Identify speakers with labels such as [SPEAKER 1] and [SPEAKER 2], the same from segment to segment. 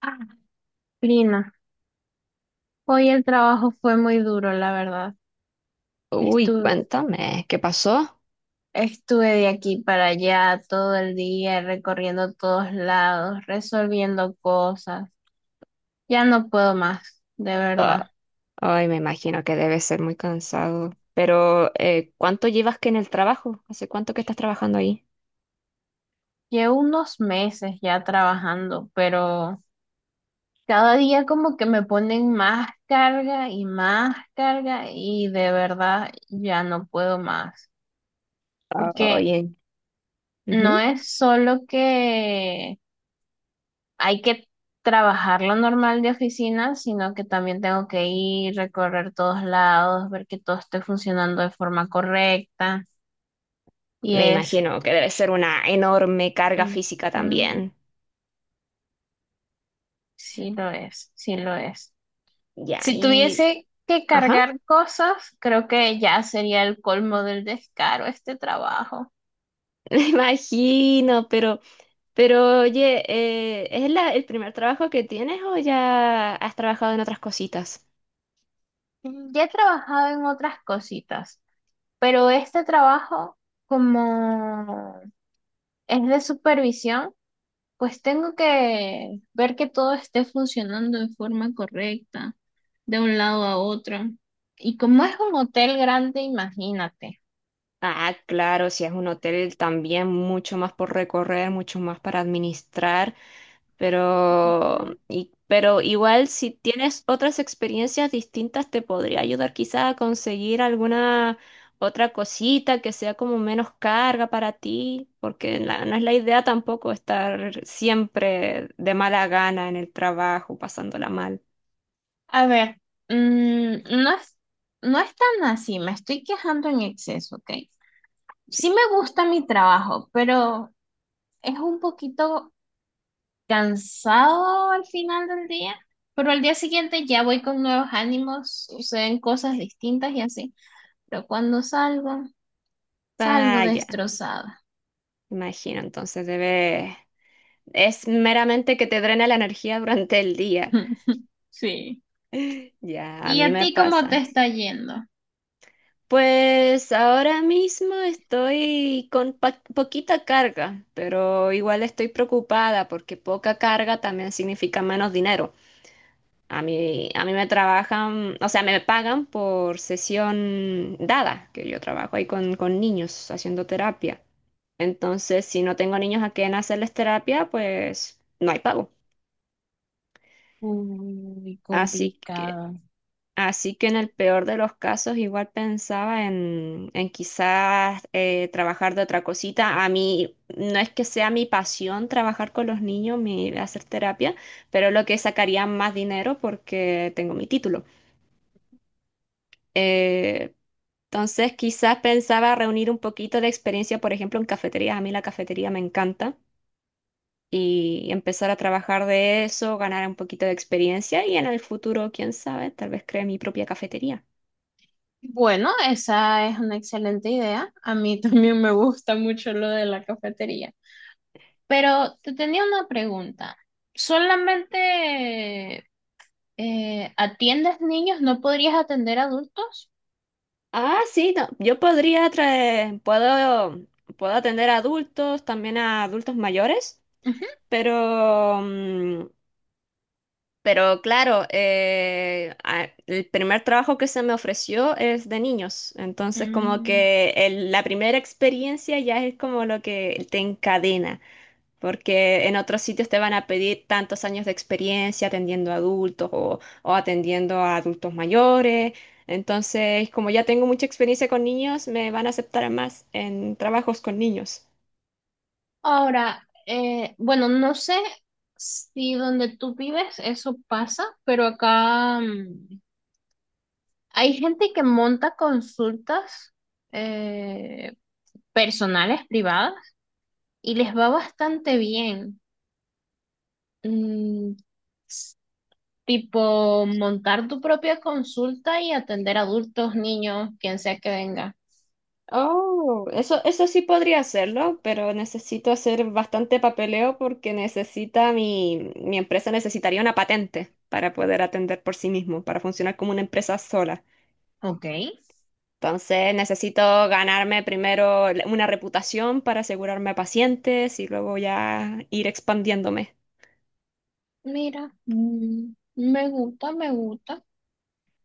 [SPEAKER 1] Ah, prima, hoy el trabajo fue muy duro, la verdad.
[SPEAKER 2] Uy,
[SPEAKER 1] Estuve,
[SPEAKER 2] cuéntame, ¿qué pasó?
[SPEAKER 1] Estuve de aquí para allá todo el día, recorriendo todos lados, resolviendo cosas. Ya no puedo más, de verdad.
[SPEAKER 2] Ay, me imagino que debe ser muy cansado. Pero, ¿cuánto llevas que en el trabajo? ¿Hace cuánto que estás trabajando ahí?
[SPEAKER 1] Llevo unos meses ya trabajando, pero cada día como que me ponen más carga y de verdad ya no puedo más. Porque
[SPEAKER 2] Oye,
[SPEAKER 1] no
[SPEAKER 2] ujú.
[SPEAKER 1] es solo que hay que trabajar lo normal de oficina, sino que también tengo que ir, recorrer todos lados, ver que todo esté funcionando de forma correcta. Y
[SPEAKER 2] Me
[SPEAKER 1] es,
[SPEAKER 2] imagino que debe ser una enorme carga
[SPEAKER 1] mm,
[SPEAKER 2] física
[SPEAKER 1] mm,
[SPEAKER 2] también.
[SPEAKER 1] sí lo es, sí lo es.
[SPEAKER 2] Ya,
[SPEAKER 1] Si tuviese que
[SPEAKER 2] Ajá,
[SPEAKER 1] cargar cosas, creo que ya sería el colmo del descaro este trabajo.
[SPEAKER 2] me imagino, pero oye, ¿el primer trabajo que tienes o ya has trabajado en otras cositas?
[SPEAKER 1] Ya he trabajado en otras cositas, pero este trabajo como es de supervisión, pues tengo que ver que todo esté funcionando de forma correcta, de un lado a otro. Y como es un hotel grande, imagínate.
[SPEAKER 2] Ah, claro, si es un hotel también mucho más por recorrer, mucho más para administrar, pero,
[SPEAKER 1] Mm.
[SPEAKER 2] pero igual si tienes otras experiencias distintas te podría ayudar quizás a conseguir alguna otra cosita que sea como menos carga para ti, porque no es la idea tampoco estar siempre de mala gana en el trabajo, pasándola mal.
[SPEAKER 1] A ver, mm, no es, no es tan así, me estoy quejando en exceso, ¿ok? Sí me gusta mi trabajo, pero es un poquito cansado al final del día. Pero al día siguiente ya voy con nuevos ánimos, suceden cosas distintas y así. Pero cuando salgo, salgo
[SPEAKER 2] Vaya,
[SPEAKER 1] destrozada.
[SPEAKER 2] imagino, Es meramente que te drena la energía durante el día.
[SPEAKER 1] Sí.
[SPEAKER 2] Ya, a
[SPEAKER 1] ¿Y
[SPEAKER 2] mí
[SPEAKER 1] a
[SPEAKER 2] me
[SPEAKER 1] ti cómo te
[SPEAKER 2] pasa.
[SPEAKER 1] está yendo?
[SPEAKER 2] Pues ahora mismo estoy con poquita carga, pero igual estoy preocupada porque poca carga también significa menos dinero. A mí me trabajan, o sea, me pagan por sesión dada, que yo trabajo ahí con niños haciendo terapia. Entonces, si no tengo niños a quien hacerles terapia, pues no hay pago.
[SPEAKER 1] Muy
[SPEAKER 2] Así que
[SPEAKER 1] complicado.
[SPEAKER 2] Así que en el peor de los casos igual pensaba en quizás trabajar de otra cosita. A mí no es que sea mi pasión trabajar con los niños, hacer terapia, pero es lo que sacaría más dinero porque tengo mi título. Eh, entonces quizás pensaba reunir un poquito de experiencia, por ejemplo, en cafeterías. A mí la cafetería me encanta y empezar a trabajar de eso, ganar un poquito de experiencia y en el futuro, quién sabe, tal vez cree mi propia cafetería.
[SPEAKER 1] Bueno, esa es una excelente idea. A mí también me gusta mucho lo de la cafetería. Pero te tenía una pregunta. ¿Solamente atiendes niños? ¿No podrías atender adultos?
[SPEAKER 2] Ah, sí, no, yo podría puedo, puedo atender a adultos, también a adultos mayores,
[SPEAKER 1] Ujú.
[SPEAKER 2] pero, mm, pero claro, el primer trabajo que se me ofreció es de niños, entonces como
[SPEAKER 1] Mm,
[SPEAKER 2] que la primera experiencia ya es como lo que te encadena porque en otros sitios te van a pedir tantos años de experiencia atendiendo a adultos o atendiendo a adultos mayores. Entonces, como ya tengo mucha experiencia con niños, me van a aceptar más en trabajos con niños.
[SPEAKER 1] Ahora, bueno, no sé si donde tú vives eso pasa, pero acá hay gente que monta consultas eh, personales, privadas, y les va bastante bien. Mm, Tipo, montar tu propia consulta y atender adultos, niños, quien sea que venga.
[SPEAKER 2] Oh, eso sí podría hacerlo, pero necesito hacer bastante papeleo porque mi empresa necesitaría una patente para poder atender por sí mismo, para funcionar como una empresa sola.
[SPEAKER 1] Ok.
[SPEAKER 2] Entonces necesito ganarme primero una reputación para asegurarme a pacientes y luego ya ir expandiéndome.
[SPEAKER 1] Mira, me gusta, me gusta.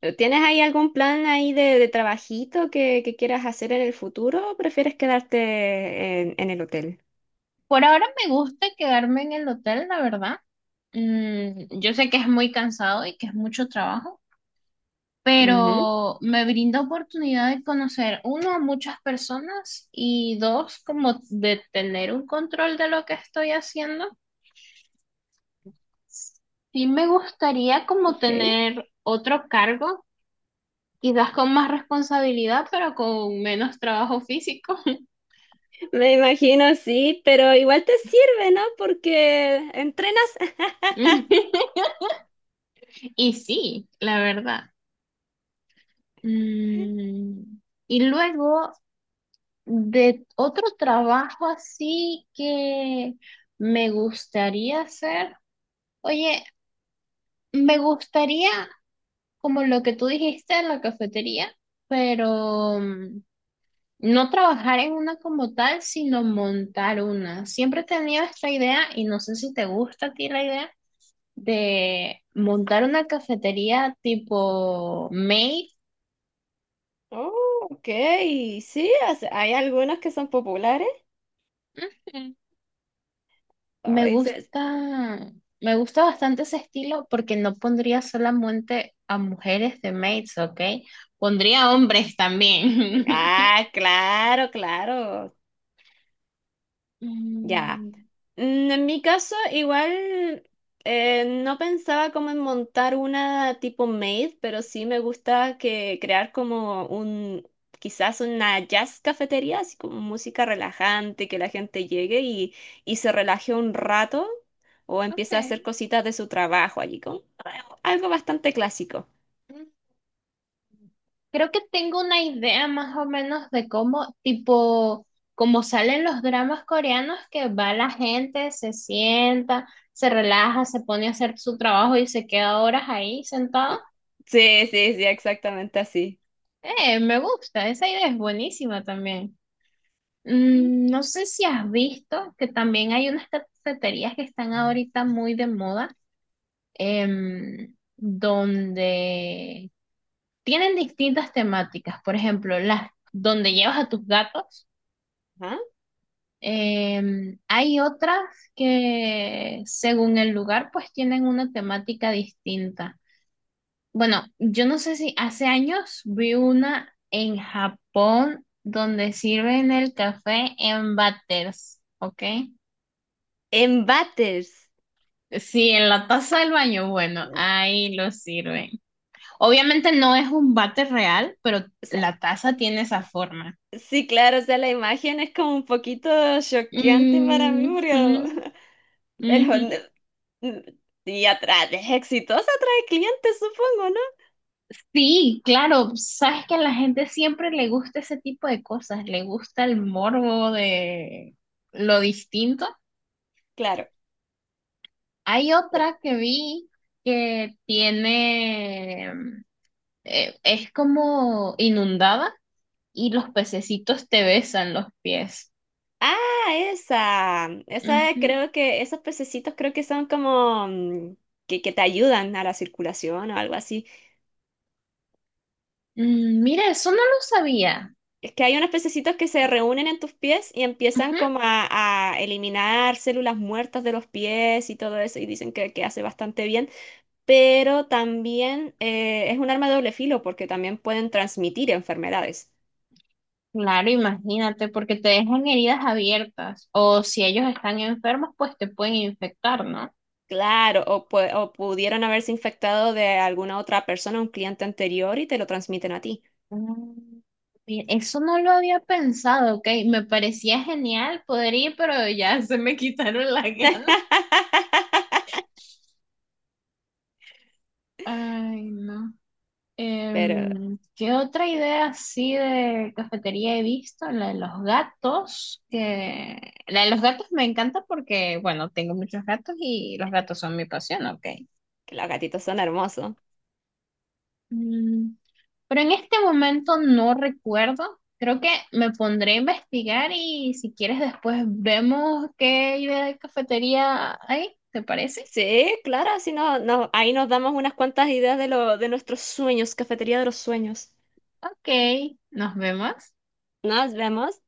[SPEAKER 2] ¿Tienes ahí algún plan ahí de trabajito que quieras hacer en el futuro o prefieres quedarte en el hotel?
[SPEAKER 1] Por ahora me gusta quedarme en el hotel, la verdad. Yo sé que es muy cansado y que es mucho trabajo.
[SPEAKER 2] Ujú,
[SPEAKER 1] Pero me brindó oportunidad de conocer, uno, a muchas personas y dos, como de tener un control de lo que estoy haciendo. Sí me gustaría como
[SPEAKER 2] ok.
[SPEAKER 1] tener otro cargo, quizás con más responsabilidad, pero con menos trabajo físico.
[SPEAKER 2] Me imagino, sí, pero igual te sirve, ¿no? Porque entrenas.
[SPEAKER 1] Y sí, la verdad. Mm, Y luego de otro trabajo así que me gustaría hacer. Oye, me gustaría, como lo que tú dijiste en la cafetería, pero mm, no trabajar en una como tal, sino montar una. Siempre he tenido esta idea, y no sé si te gusta a ti la idea, de montar una cafetería tipo maid.
[SPEAKER 2] Oh, ok, sí, o sea, hay algunos que son populares.
[SPEAKER 1] Ujú. Me
[SPEAKER 2] Ay, se-
[SPEAKER 1] gusta, me gusta bastante ese estilo porque no pondría solamente a mujeres de maids, ¿ok? Pondría hombres también.
[SPEAKER 2] Ah, claro, claro. Ya.
[SPEAKER 1] Mm,
[SPEAKER 2] En mi caso, igual no pensaba como en montar una tipo maid, pero sí me gusta que crear como quizás una jazz cafetería, así como música relajante, que la gente llegue y se relaje un rato o empiece a hacer cositas de su trabajo allí, como algo bastante clásico.
[SPEAKER 1] ok. Creo que tengo una idea más o menos de cómo, tipo, como salen los dramas coreanos, que va la gente, se sienta, se relaja, se pone a hacer su trabajo y se queda horas ahí sentado.
[SPEAKER 2] Sí, sí, sí, exactamente así.
[SPEAKER 1] Me gusta, esa idea es buenísima también. No sé si has visto que también hay unas cafeterías que están ahorita muy de moda, em, donde tienen distintas temáticas. Por ejemplo, las donde llevas a tus gatos.
[SPEAKER 2] Ajá.
[SPEAKER 1] Em, hay otras que, según el lugar, pues tienen una temática distinta. Bueno, yo no sé si hace años vi una en Japón donde sirven el café en váteres, ¿ok?
[SPEAKER 2] En Batters.
[SPEAKER 1] Sí, en la taza del baño, bueno, ahí lo sirven. Obviamente no es un váter real, pero la taza tiene esa forma.
[SPEAKER 2] Sí, claro, o sea, la imagen es como un poquito choqueante para mí,
[SPEAKER 1] Mm, ujú,
[SPEAKER 2] pero no-
[SPEAKER 1] ujú.
[SPEAKER 2] n- y atrás, es exitosa, atrae clientes, supongo, ¿no?
[SPEAKER 1] Sí, claro, sabes que a la gente siempre le gusta ese tipo de cosas, le gusta el morbo de lo distinto.
[SPEAKER 2] Claro.
[SPEAKER 1] Hay otra que vi que tiene, es como inundada y los pececitos te besan los pies.
[SPEAKER 2] Ah, esa
[SPEAKER 1] Ujú.
[SPEAKER 2] creo esos pececitos creo que son como que te ayudan a la circulación o algo así.
[SPEAKER 1] Mm, mira, eso no lo sabía.
[SPEAKER 2] Es que hay unos pececitos que se reúnen en tus pies y empiezan
[SPEAKER 1] Ujú.
[SPEAKER 2] como a eliminar células muertas de los pies y todo eso, y dicen que hace bastante bien. Pero también es un arma de doble filo porque también pueden transmitir enfermedades.
[SPEAKER 1] Claro, imagínate, porque te dejan heridas abiertas o si ellos están enfermos, pues te pueden infectar, ¿no?
[SPEAKER 2] Claro, o pudieran haberse infectado de alguna otra persona, un cliente anterior, y te lo transmiten a ti.
[SPEAKER 1] Mm, mira, eso no lo había pensado, ok. Me parecía genial poder ir, pero ya se me quitaron las ganas. Ay, no.
[SPEAKER 2] Pero
[SPEAKER 1] Em, ¿qué otra idea así de cafetería he visto? La de los gatos, que la de los gatos me encanta porque, bueno, tengo muchos gatos y los gatos son mi pasión, ok.
[SPEAKER 2] que los gatitos son hermosos.
[SPEAKER 1] Mm, Pero en este momento no recuerdo. Creo que me pondré a investigar y si quieres después vemos qué idea de cafetería hay. ¿Te parece?
[SPEAKER 2] Sí, claro, si no, no, ahí nos damos unas cuantas ideas de de nuestros sueños, cafetería de los sueños.
[SPEAKER 1] Ok, nos vemos.
[SPEAKER 2] Nos vemos.